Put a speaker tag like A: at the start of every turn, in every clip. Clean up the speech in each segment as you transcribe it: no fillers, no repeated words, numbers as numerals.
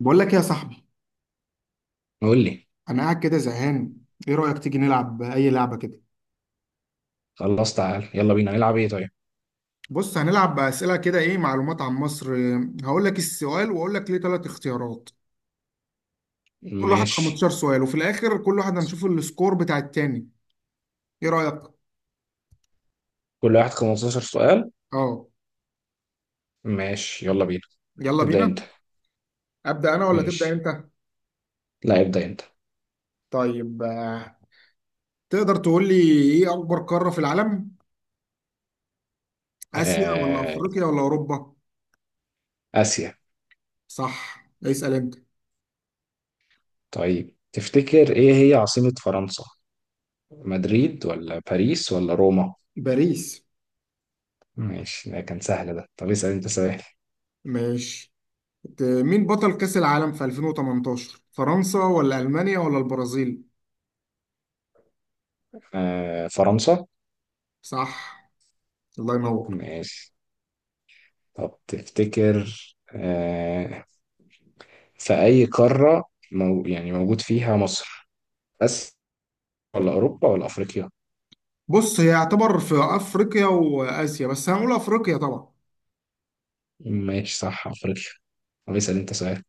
A: بقول لك يا صاحبي،
B: قول لي.
A: انا قاعد كده زهقان. ايه رايك تيجي نلعب اي لعبه كده؟
B: خلاص تعال يلا بينا نلعب ايه طيب؟
A: بص هنلعب اسئله كده، ايه معلومات عن مصر. هقول لك السؤال واقول لك ليه ثلاث اختيارات، كل واحد
B: ماشي،
A: 15 سؤال، وفي الاخر كل واحد هنشوف السكور بتاع التاني. ايه رايك؟
B: كل واحد 15 سؤال.
A: اه.
B: ماشي يلا بينا.
A: يلا
B: ابدأ انت.
A: بينا. ابدا انا ولا تبدا
B: ماشي،
A: انت؟
B: لا ابدأ انت.
A: طيب تقدر تقول لي ايه اكبر قاره في العالم؟ اسيا ولا
B: آه...
A: افريقيا ولا اوروبا؟
B: آسيا.
A: صح، اسال انت.
B: طيب، تفتكر ايه هي عاصمة فرنسا؟ مدريد ولا باريس ولا روما؟
A: باريس.
B: ماشي، ده كان سهل ده. طب اسأل انت سؤال.
A: ماشي. مين بطل كأس العالم في 2018؟ فرنسا ولا ألمانيا ولا البرازيل؟
B: فرنسا.
A: صح، الله ينور.
B: ماشي. طب تفتكر آه... في أي قارة يعني موجود فيها مصر بس، ولا أوروبا ولا أفريقيا؟
A: بص، هي يعتبر في أفريقيا وآسيا، بس هنقول أفريقيا طبعا.
B: ماشي، صح، افريقيا. طب اسال انت سؤال.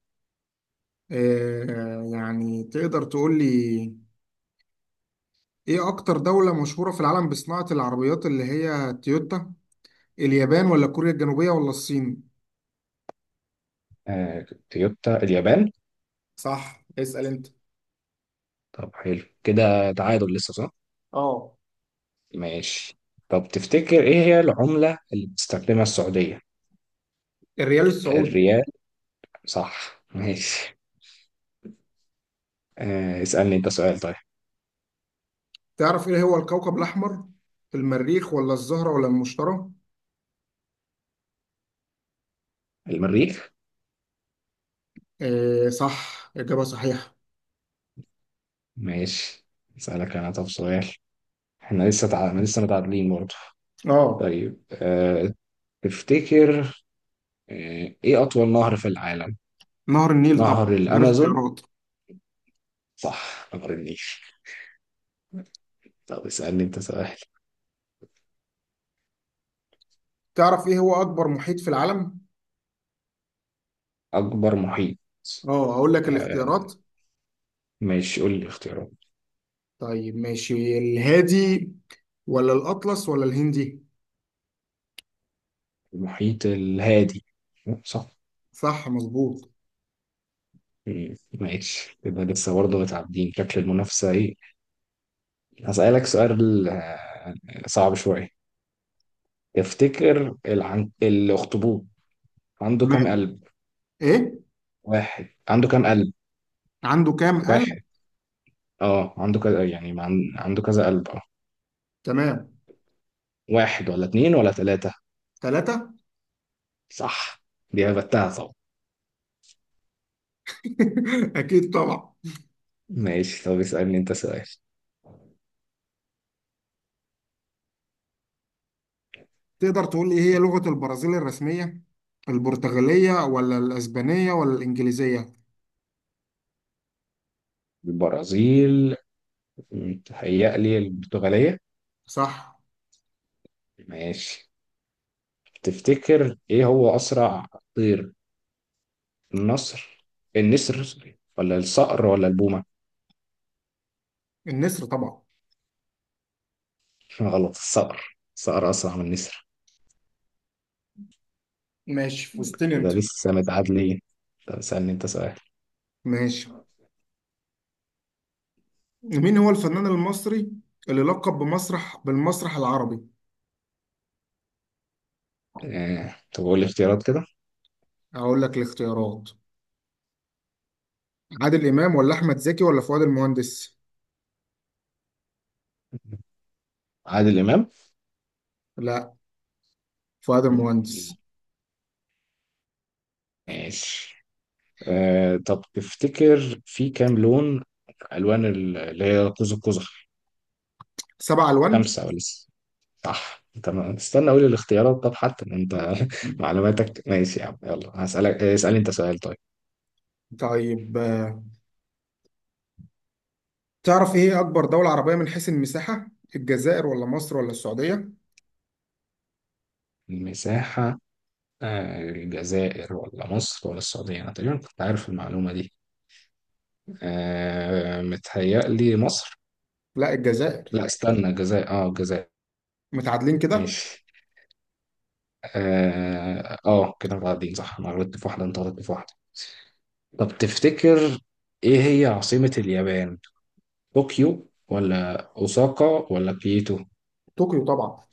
A: آه، يعني تقدر تقول لي إيه أكتر دولة مشهورة في العالم بصناعة العربيات اللي هي تويوتا؟ اليابان ولا كوريا الجنوبية ولا الصين؟
B: تويوتا اليابان.
A: صح، اسأل أنت.
B: طب حلو كده، تعادل لسه صح؟
A: اه.
B: ماشي. طب تفتكر ايه هي العملة اللي بتستخدمها السعودية؟
A: الريال السعودي.
B: الريال. صح. ماشي. اسألني انت سؤال طيب.
A: تعرف إيه هو الكوكب الأحمر؟ المريخ ولا الزهرة ولا المشتري؟
B: المريخ.
A: آه صح، إجابة صحيحة.
B: ماشي. اسألك انا طب سؤال. احنا لسه متعادلين برضه.
A: اه.
B: طيب تفتكر ايه اطول نهر في العالم؟
A: نهر النيل طبعا،
B: نهر
A: غير
B: الامازون.
A: اختيارات.
B: صح، نهر النيل. طب اسألني انت سؤال.
A: تعرف ايه هو اكبر محيط في العالم؟
B: أكبر محيط.
A: اه هقول لك
B: آه،
A: الاختيارات.
B: ماشي، قول لي اختيارات.
A: طيب ماشي، الهادي ولا الاطلس ولا الهندي؟
B: المحيط الهادي. صح.
A: صح مظبوط.
B: ماشي، يبقى لسه برضه متعدين. شكل المنافسة إيه؟ هسألك سؤال. صعب شوية. تفتكر الأخطبوط عنده كام
A: تمام.
B: قلب؟
A: ايه؟
B: واحد عنده كام قلب؟
A: عنده كام قلب؟
B: واحد. اه عنده كذا يعني ما عن... عنده كذا قلب اه.
A: تمام.
B: واحد ولا اتنين ولا تلاتة؟
A: ثلاثة.
B: صح. دي هبتها طبعا.
A: اكيد طبعا.
B: ماشي، طب اسألني انت سؤال.
A: تقدر تقول لي إيه هي لغة البرازيل الرسمية؟ البرتغالية ولا الاسبانية ولا الانجليزية؟
B: البرازيل، متهيألي البرتغالية.
A: صح.
B: ماشي. تفتكر ايه هو اسرع طير؟ النصر النسر، سوري، ولا الصقر ولا البومة؟
A: النسر طبعا.
B: غلط، الصقر، الصقر اسرع من النسر.
A: ماشي فزتني
B: كده
A: انت.
B: لسه متعادلين. طب اسألني انت سؤال.
A: ماشي. مين هو الفنان المصري اللي لقب بمسرح بالمسرح العربي؟
B: طب قول لي اختيارات كده.
A: هقول لك الاختيارات. عادل إمام ولا أحمد زكي ولا فؤاد المهندس؟
B: عادل امام.
A: لا، فؤاد المهندس.
B: ماشي. طب تفتكر في كام لون، الوان اللي هي قوس قزح؟
A: سبعة ألوان؟
B: خمسة ولا... صح. طب ما استنى اقول الاختيارات. طب حتى إن انت معلوماتك ماشي يا عم. يلا هسألك، اسألني انت سؤال طيب.
A: طيب تعرف إيه أكبر دولة عربية من حيث المساحة؟ الجزائر ولا مصر ولا السعودية؟
B: المساحة. الجزائر ولا مصر ولا السعودية، أنا تقريبا كنت عارف المعلومة دي. متهيألي مصر.
A: لا، الجزائر.
B: لا استنى، الجزائر، اه الجزائر.
A: متعادلين كده؟
B: ماشي. اه كده متعادلين صح. أنا غلطت في واحدة، أنت غلطت في واحدة. طب تفتكر إيه هي عاصمة اليابان؟ طوكيو ولا أوساكا ولا كيوتو؟
A: طوكيو طبعا.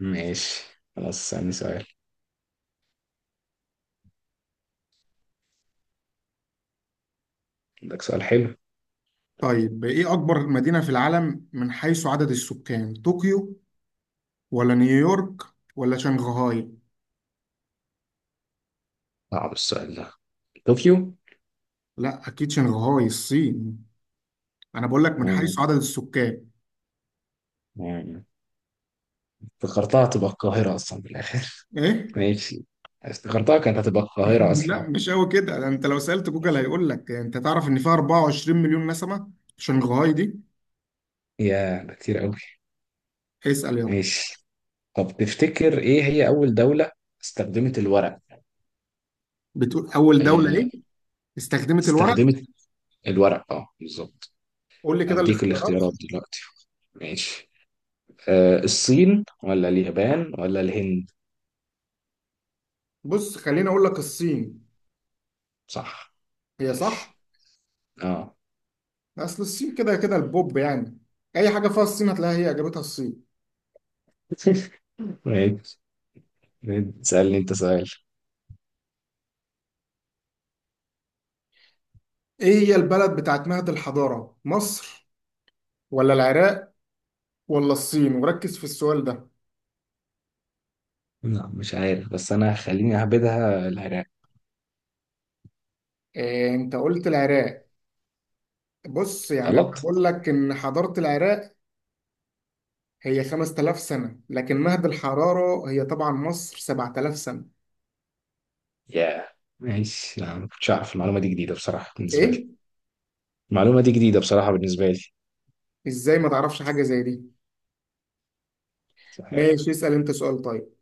B: ماشي، خلاص ثاني سؤال. عندك سؤال حلو؟
A: طيب إيه أكبر مدينة في العالم من حيث عدد السكان؟ طوكيو ولا نيويورك ولا شنغهاي؟
B: صعب السؤال ده. طوكيو.
A: لا أكيد شنغهاي الصين. انا بقول لك من حيث
B: مم.
A: عدد السكان.
B: يعني افتكرتها تبقى القاهرة أصلا في الآخر.
A: ايه.
B: ماشي، افتكرتها كانت هتبقى القاهرة أصلا.
A: لا مش قوي كده، ده انت لو سألت جوجل هيقول لك. يعني انت تعرف ان فيها 24 مليون نسمة شنغهاي دي.
B: يا ده كتير أوي.
A: اسأل يلا.
B: ماشي. طب تفتكر إيه هي أول دولة استخدمت الورق؟
A: بتقول اول دولة
B: آه،
A: ايه؟ استخدمت الورق.
B: استخدمت الورق أه، بالظبط.
A: قول لي كده
B: أديك
A: الاختيارات.
B: الاختيارات دلوقتي. ماشي. الصين ولا اليابان ولا الهند؟
A: بص خليني اقول لك الصين.
B: صح.
A: هي صح.
B: ماشي. أه.
A: اصل الصين كده كده البوب يعني، اي حاجة فيها الصين هتلاقيها هي اجابتها الصين.
B: ماشي، تسألني أنت سؤال.
A: ايه هي البلد بتاعت مهد الحضارة؟ مصر ولا العراق ولا الصين؟ وركز في السؤال ده.
B: لا مش عارف، بس انا خليني اهبدها العراق.
A: إيه انت قلت العراق؟ بص يعني انا
B: غلط.
A: بقول لك ان حضاره العراق هي 5000 سنه، لكن مهد الحراره هي طبعا مصر، 7000 سنه.
B: ياه. ماشي. لا ما كنتش اعرف المعلومه دي، جديده بصراحه بالنسبه لي.
A: ايه.
B: المعلومه دي جديده بصراحه بالنسبه لي.
A: ازاي ما تعرفش حاجه زي دي؟
B: مش عارف.
A: ماشي اسال انت سؤال طيب.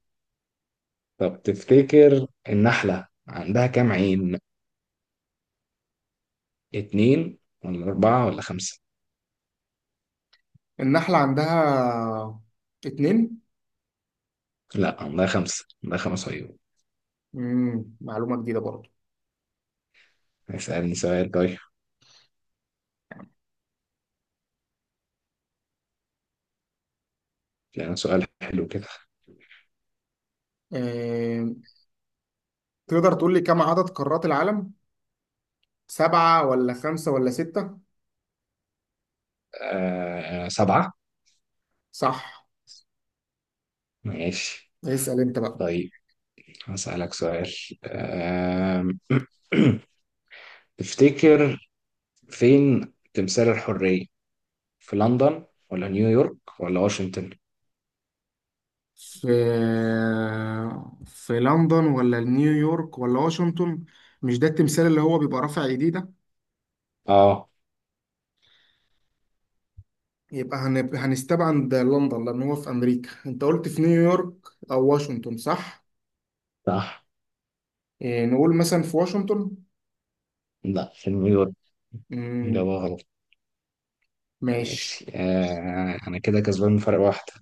B: طب تفتكر النحله عندها كام عين؟ اتنين ولا اربعه ولا خمسه؟
A: النحله عندها اتنين.
B: لا، عندها خمسه، عندها خمس عيون.
A: مم. معلومه جديده برضه.
B: اسالني سؤال طيب، يعني سؤال حلو كده.
A: آه. تقدر تقول لي كم عدد قارات العالم؟ سبعه ولا خمسه ولا سته؟
B: سبعه.
A: صح.
B: ماشي.
A: اسال انت بقى.
B: طيب هسألك سؤال. آم، تفتكر فين تمثال الحرية؟ في لندن ولا نيويورك ولا واشنطن؟
A: في في لندن ولا نيويورك ولا واشنطن؟ مش ده التمثال اللي هو بيبقى رافع ايديه ده؟
B: اه،
A: يبقى هنستبعد لندن لان هو في امريكا. انت قلت في نيويورك او واشنطن، صح؟
B: صح،
A: إيه نقول مثلا في واشنطن.
B: لا، في نيويورك.
A: امم.
B: إجابة غلط.
A: ماشي.
B: ماشي، أنا كده كسبان فرق واحدة.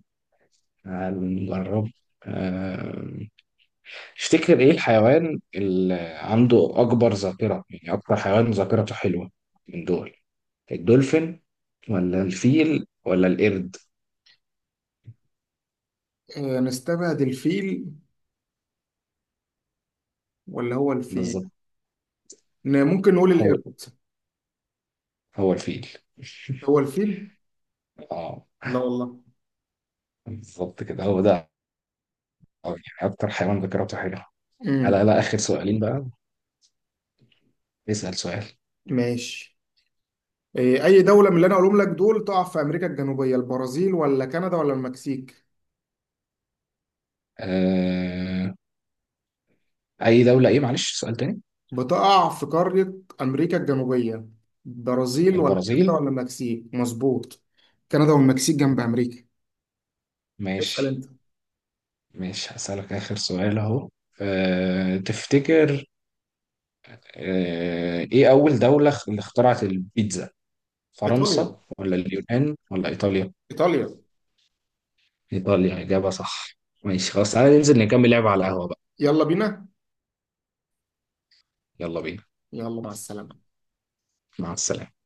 B: هنجرب. آه تفتكر إيه الحيوان اللي عنده أكبر ذاكرة، يعني أكتر حيوان ذاكرته حلوة من دول؟ الدولفين ولا الفيل ولا القرد؟
A: إيه نستبعد الفيل ولا هو الفيل؟
B: بالظبط،
A: ممكن نقول
B: هو
A: القرد.
B: هو الفيل.
A: هو الفيل؟
B: اه،
A: لا والله.
B: بالظبط كده، هو ده. آه، يعني أكتر حيوان ذاكرته حلوة. على
A: امم.
B: لا، آخر سؤالين بقى. اسأل سؤال.
A: ماشي. إيه اي دولة من اللي انا هقولهم لك دول تقع في امريكا الجنوبية؟ البرازيل ولا كندا ولا المكسيك؟
B: آه... أي دولة إيه، معلش، سؤال تاني.
A: بتقع في قارة أمريكا الجنوبية، برازيل ولا كندا
B: البرازيل.
A: ولا المكسيك، مظبوط. كندا والمكسيك جنب أمريكا. اسأل
B: ماشي.
A: أنت.
B: ماشي هسألك آخر سؤال أهو. تفتكر إيه أول دولة اللي اخترعت البيتزا؟
A: إيطاليا.
B: فرنسا ولا اليونان ولا إيطاليا؟
A: إيطاليا.
B: إيطاليا، إجابة صح. ماشي، خلاص، تعالى ننزل نكمل لعبة على القهوة بقى.
A: يلا بينا.
B: يلا بينا.
A: يلا مع السلامة.
B: مع السلامة.